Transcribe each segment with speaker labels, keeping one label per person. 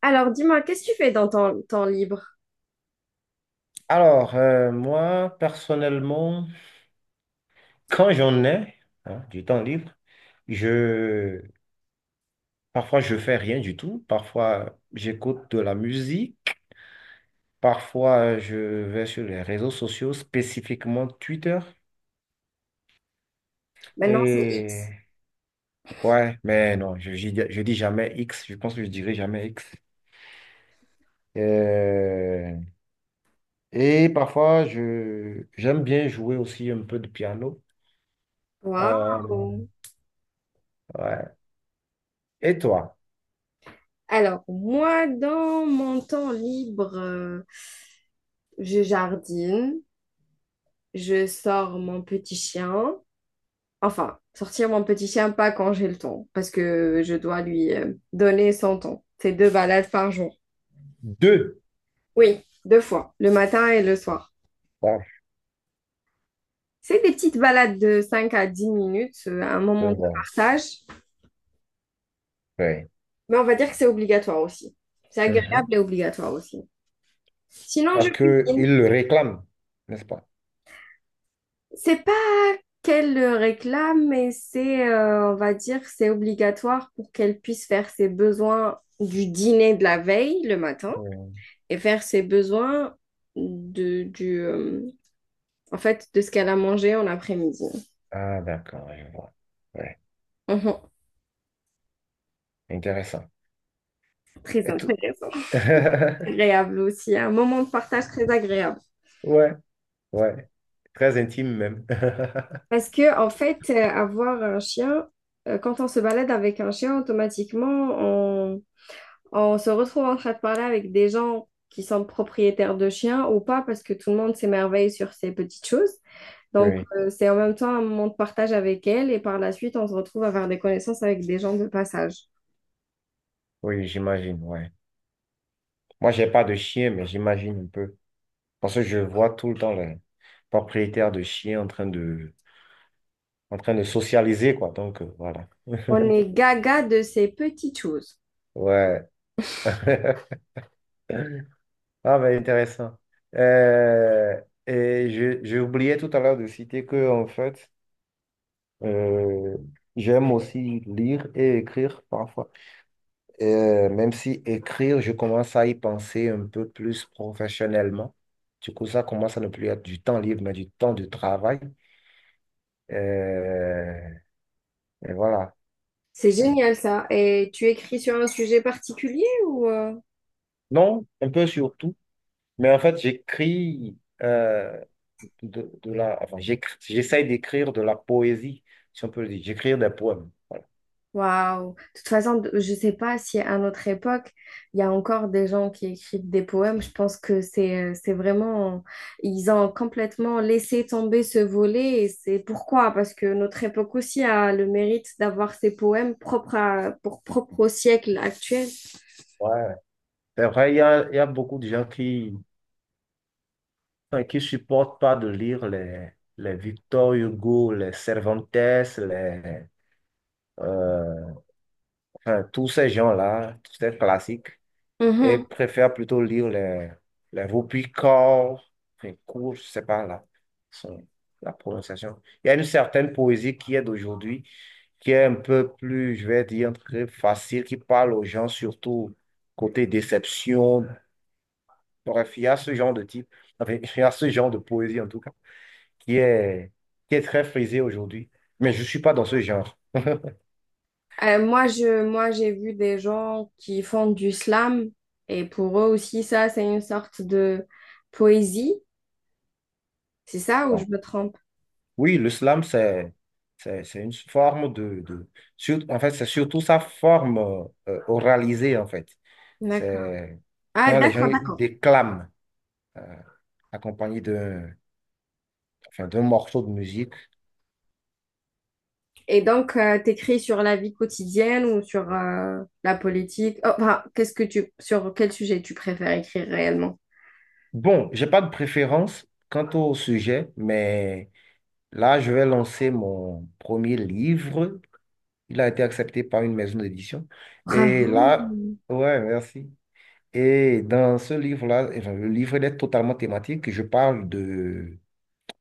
Speaker 1: Alors, dis-moi, qu'est-ce que tu fais dans ton temps libre?
Speaker 2: Alors, moi, personnellement, quand j'en ai hein, du temps libre, je parfois je fais rien du tout, parfois j'écoute de la musique, parfois je vais sur les réseaux sociaux, spécifiquement Twitter.
Speaker 1: Maintenant, c'est
Speaker 2: Et
Speaker 1: X.
Speaker 2: ouais, mais non, je dis jamais X, je pense que je dirai jamais X. Euh, et parfois je j'aime bien jouer aussi un peu de piano. Euh,
Speaker 1: Waouh!
Speaker 2: ouais. Et toi?
Speaker 1: Alors, moi, dans mon temps libre, je jardine, je sors mon petit chien. Enfin, sortir mon petit chien, pas quand j'ai le temps, parce que je dois lui donner son temps. C'est 2 balades par jour.
Speaker 2: Deux.
Speaker 1: Oui, 2 fois, le matin et le soir.
Speaker 2: Ah,
Speaker 1: C'est des petites balades de 5 à 10 minutes, un
Speaker 2: je
Speaker 1: moment de
Speaker 2: vois.
Speaker 1: partage,
Speaker 2: Oui.
Speaker 1: mais on va dire que c'est obligatoire aussi. C'est agréable
Speaker 2: Mhm.
Speaker 1: et obligatoire aussi. Sinon, je
Speaker 2: Parce
Speaker 1: cuisine.
Speaker 2: qu'ils le réclament, n'est-ce pas?
Speaker 1: C'est pas qu'elle le réclame, mais c'est, on va dire, c'est obligatoire pour qu'elle puisse faire ses besoins du dîner de la veille, le matin,
Speaker 2: Oui.
Speaker 1: et faire ses besoins du, en fait, de ce qu'elle a mangé en après-midi.
Speaker 2: Ah, d'accord, je vois. Ouais,
Speaker 1: Mhm.
Speaker 2: intéressant.
Speaker 1: Très
Speaker 2: Et tout.
Speaker 1: intéressant. Agréable aussi, un moment de partage très agréable.
Speaker 2: Ouais, ouais, très intime même.
Speaker 1: Parce que, en fait, avoir un chien, quand on se balade avec un chien, automatiquement, on se retrouve en train de parler avec des gens qui sont propriétaires de chiens ou pas, parce que tout le monde s'émerveille sur ces petites choses. Donc,
Speaker 2: Oui,
Speaker 1: c'est en même temps un moment de partage avec elles et par la suite, on se retrouve à faire des connaissances avec des gens de passage.
Speaker 2: oui, j'imagine, ouais. Moi, j'ai pas de chien, mais j'imagine un peu. Parce que je vois tout le temps les propriétaires de chiens en train de socialiser, quoi. Donc, voilà.
Speaker 1: On est gaga de ces petites choses.
Speaker 2: Ouais. Ah, mais intéressant. Euh, et j'ai oublié tout à l'heure de citer que, en fait, Euh, j'aime aussi lire et écrire parfois. Même si écrire, je commence à y penser un peu plus professionnellement. Du coup, ça commence à ne plus être du temps libre, mais du temps de travail. Euh, et voilà.
Speaker 1: C'est génial ça. Et tu écris sur un sujet particulier ou?
Speaker 2: Non, un peu surtout. Mais en fait, j'écris enfin, j'essaye d'écrire de la poésie, si on peut le dire. J'écris des poèmes.
Speaker 1: Waouh! De toute façon, je sais pas si à notre époque, il y a encore des gens qui écrivent des poèmes. Je pense que c'est vraiment... Ils ont complètement laissé tomber ce volet. Et c'est pourquoi? Parce que notre époque aussi a le mérite d'avoir ces poèmes propres pour propre au siècle actuel.
Speaker 2: Ouais. C'est vrai, il y a beaucoup de gens qui enfin, qui supportent pas de lire les Victor Hugo, les Cervantes, euh, enfin, tous ces gens-là, tous ces classiques, et
Speaker 1: Mhm.
Speaker 2: préfèrent plutôt lire les Vaupicor, enfin, Cour, je sais pas là, son- la prononciation. Il y a une certaine poésie qui est d'aujourd'hui, qui est un peu plus, je vais dire, très facile, qui parle aux gens surtout côté déception. Bref, il y a ce genre de type, enfin, il y a ce genre de poésie en tout cas, qui est, qui est très frisé aujourd'hui. Mais je ne suis pas dans ce genre.
Speaker 1: Moi, j'ai vu des gens qui font du slam. Et pour eux aussi, ça, c'est une sorte de poésie. C'est ça ou je
Speaker 2: Donc,
Speaker 1: me trompe?
Speaker 2: oui, le slam, c'est une forme en fait, c'est surtout sa forme oralisée, en fait.
Speaker 1: D'accord.
Speaker 2: C'est
Speaker 1: Ah,
Speaker 2: quand les gens
Speaker 1: d'accord,
Speaker 2: ils
Speaker 1: d'accord.
Speaker 2: déclament, euh, accompagné enfin, d'un morceau de musique.
Speaker 1: Et donc, t'écris sur la vie quotidienne ou sur la politique? Oh, enfin, sur quel sujet tu préfères écrire réellement?
Speaker 2: Bon, j'ai pas de préférence quant au sujet, mais là, je vais lancer mon premier livre. Il a été accepté par une maison d'édition. Et
Speaker 1: Bravo.
Speaker 2: là, ouais, merci. Et dans ce livre-là, enfin, le livre il est totalement thématique.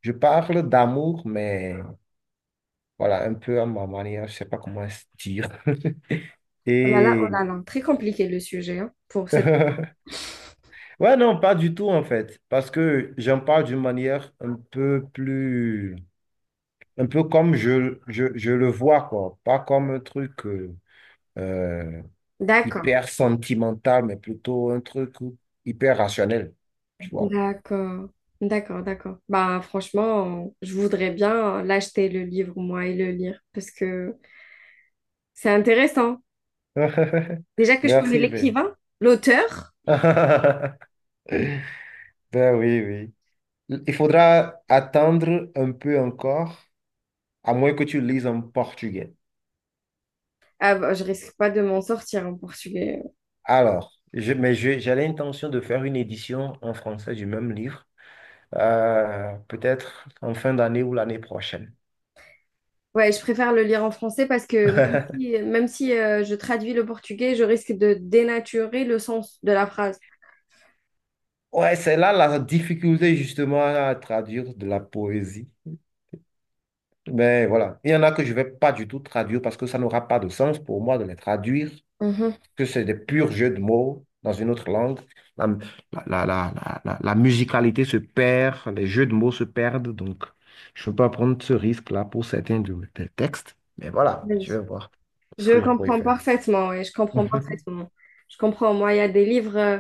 Speaker 2: Je parle d'amour, mais voilà, un peu à ma manière, je sais pas comment se dire.
Speaker 1: Oh là là, oh
Speaker 2: Et
Speaker 1: là là, très compliqué le sujet hein, pour cette.
Speaker 2: ouais, non, pas du tout en fait, parce que j'en parle d'une manière un peu plus, un peu comme je le vois, quoi, pas comme un truc, euh,
Speaker 1: D'accord,
Speaker 2: hyper sentimental, mais plutôt un truc hyper rationnel, tu vois.
Speaker 1: d'accord, d'accord, d'accord. Bah franchement, je voudrais bien l'acheter le livre moi et le lire parce que c'est intéressant. Déjà que je connais
Speaker 2: Merci, Ben.
Speaker 1: l'écrivain, l'auteur,
Speaker 2: Ben oui, oui. Il faudra attendre un peu encore, à moins que tu lises en portugais.
Speaker 1: ah bah, je risque pas de m'en sortir en portugais, hein.
Speaker 2: Alors, j'ai l'intention de faire une édition en français du même livre, peut-être en fin d'année ou l'année prochaine.
Speaker 1: Ouais, je préfère le lire en français parce que même si je traduis le portugais, je risque de dénaturer le sens de la phrase.
Speaker 2: Ouais, c'est là la difficulté justement à traduire de la poésie. Mais voilà, il y en a que je ne vais pas du tout traduire parce que ça n'aura pas de sens pour moi de les traduire,
Speaker 1: Mhm.
Speaker 2: que c'est des purs jeux de mots dans une autre langue. La, la musicalité se perd, les jeux de mots se perdent, donc je ne peux pas prendre ce risque-là pour certains des textes. Mais voilà,
Speaker 1: Oui.
Speaker 2: je vais voir ce
Speaker 1: Je
Speaker 2: que je pourrais
Speaker 1: comprends
Speaker 2: faire.
Speaker 1: parfaitement, ouais, je comprends parfaitement. Je comprends, moi, il y a des livres,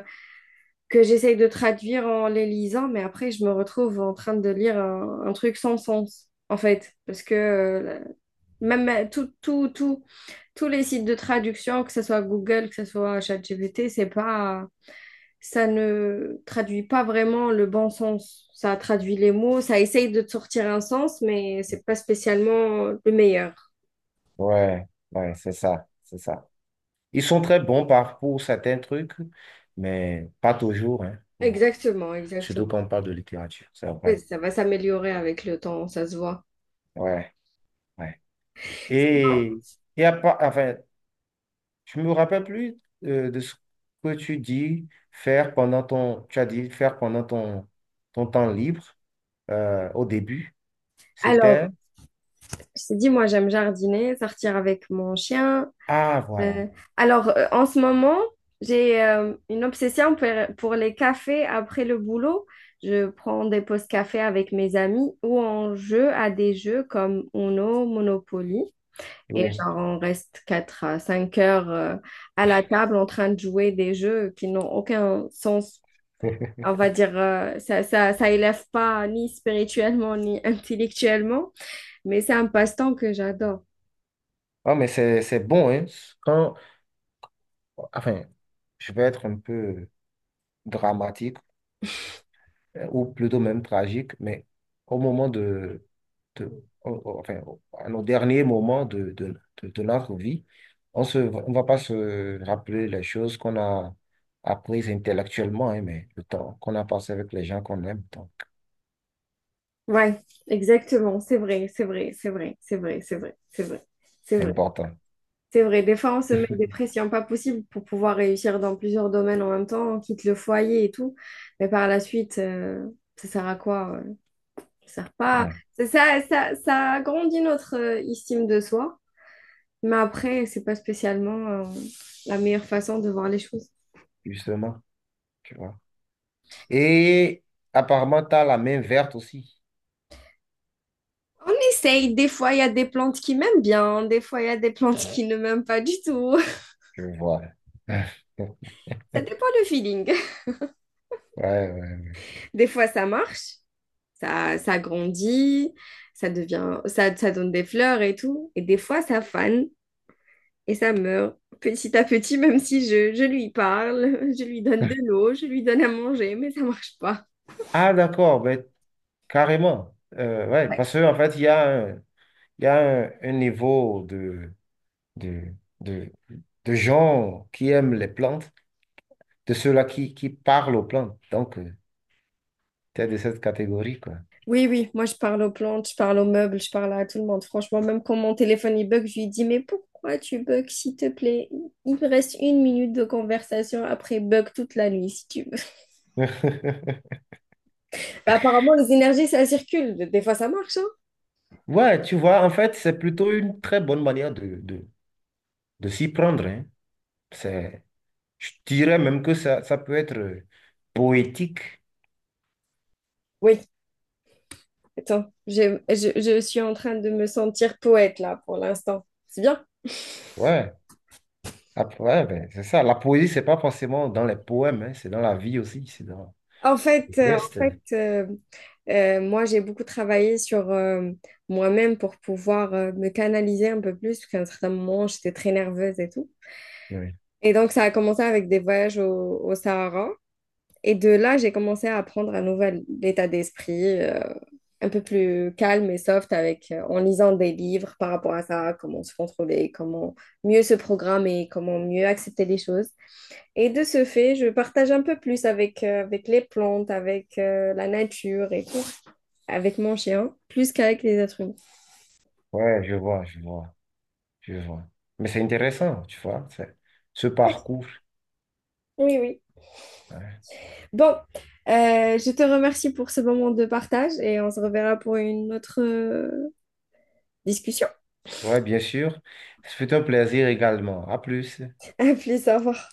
Speaker 1: que j'essaye de traduire en les lisant, mais après, je me retrouve en train de lire un truc sans sens, en fait, parce que même tout, tout, tout, tous les sites de traduction, que ce soit Google, que ce soit ChatGPT, c'est pas, ça ne traduit pas vraiment le bon sens. Ça traduit les mots, ça essaye de te sortir un sens, mais c'est pas spécialement le meilleur.
Speaker 2: Ouais, ouais, c'est ça, c'est ça. Ils sont très bons pour certains trucs, mais pas toujours, hein,
Speaker 1: Exactement,
Speaker 2: surtout
Speaker 1: exactement.
Speaker 2: quand on parle de littérature, c'est vrai.
Speaker 1: Ça va s'améliorer avec le temps, ça se voit.
Speaker 2: Ouais, ouais. Et, et enfin, je me rappelle plus de ce que tu as dit faire pendant ton temps libre au début. C'était,
Speaker 1: Alors, je t'ai dit, moi, j'aime jardiner, sortir avec mon chien.
Speaker 2: ah voilà,
Speaker 1: Euh, alors, en ce moment, j'ai une obsession pour les cafés après le boulot. Je prends des pauses café avec mes amis ou on joue à des jeux comme Uno, Monopoly. Et
Speaker 2: oui.
Speaker 1: genre, on reste 4 à 5 heures à la table en train de jouer des jeux qui n'ont aucun sens. On va dire, ça élève pas ni spirituellement ni intellectuellement, mais c'est un passe-temps que j'adore.
Speaker 2: Oh, mais c'est bon, hein. Quand, enfin, je vais être un peu dramatique, ou plutôt même tragique, mais au moment enfin, à nos derniers moments de notre vie, on va pas se rappeler les choses qu'on a apprises intellectuellement, hein, mais le temps qu'on a passé avec les gens qu'on aime, donc
Speaker 1: Ouais, exactement, c'est vrai, c'est vrai, c'est vrai, c'est vrai, c'est vrai, c'est vrai, c'est
Speaker 2: c'est
Speaker 1: vrai,
Speaker 2: important.
Speaker 1: c'est vrai. Des fois, on se met des pressions pas possibles pour pouvoir réussir dans plusieurs domaines en même temps, on quitte le foyer et tout, mais par la suite, ça sert à quoi? Ça sert pas.
Speaker 2: Ouais,
Speaker 1: Ça agrandit notre estime de soi, mais après, c'est pas spécialement la meilleure façon de voir les choses.
Speaker 2: justement, tu vois. Et apparemment, tu as la main verte aussi,
Speaker 1: On essaye, des fois, il y a des plantes qui m'aiment bien, des fois, il y a des plantes qui ne m'aiment pas du tout.
Speaker 2: je vois.
Speaker 1: Ça dépend du feeling.
Speaker 2: Ouais, ouais.
Speaker 1: Des fois, ça marche. Ça grandit, ça donne des fleurs et tout. Et des fois, ça fane et ça meurt petit à petit, même si je lui parle, je lui donne de l'eau, je lui donne à manger, mais ça marche pas.
Speaker 2: Ah, d'accord, ben, carrément. Ouais, parce
Speaker 1: Ouais.
Speaker 2: qu'en fait, il y a un niveau de, de, de gens qui aiment les plantes, de ceux-là qui parlent aux plantes. Donc, tu es de cette catégorie, quoi.
Speaker 1: Oui, oui, moi je parle aux plantes, je parle aux meubles, je parle à tout le monde. Franchement, même quand mon téléphone il bug, je lui dis, mais pourquoi tu bugs, s'il te plaît? Il me reste 1 minute de conversation, après bug toute la nuit, si tu veux. Bah, apparemment, les énergies, ça circule. Des fois, ça marche, hein.
Speaker 2: Ouais, tu vois, en fait, c'est plutôt une très bonne manière de s'y prendre, hein. C'est, je dirais même que ça peut être poétique.
Speaker 1: Oui, attends, je suis en train de me sentir poète là pour l'instant. C'est bien.
Speaker 2: Ouais, après, ouais, ben, c'est ça. La poésie, c'est pas forcément dans les poèmes, hein, c'est dans la vie aussi, c'est dans
Speaker 1: En fait,
Speaker 2: les
Speaker 1: euh, en
Speaker 2: gestes.
Speaker 1: fait moi j'ai beaucoup travaillé sur moi-même pour pouvoir me canaliser un peu plus, parce qu'à un certain moment j'étais très nerveuse et tout.
Speaker 2: Ouais,
Speaker 1: Et donc ça a commencé avec des voyages au Sahara. Et de là, j'ai commencé à apprendre un nouvel état d'esprit, un peu plus calme et soft avec, en lisant des livres par rapport à ça, comment se contrôler, comment mieux se programmer, comment mieux accepter les choses. Et de ce fait, je partage un peu plus avec, avec les plantes, avec la nature et tout, avec mon chien, plus qu'avec les êtres humains.
Speaker 2: ouais, je vois, je vois. Tu vois. Mais c'est intéressant, tu vois, ce parcours.
Speaker 1: Oui, oui.
Speaker 2: Ouais,
Speaker 1: Bon, je te remercie pour ce moment de partage et on se reverra pour une autre discussion.
Speaker 2: ouais, bien sûr. C'est fut un plaisir également. À plus.
Speaker 1: À plus, au revoir.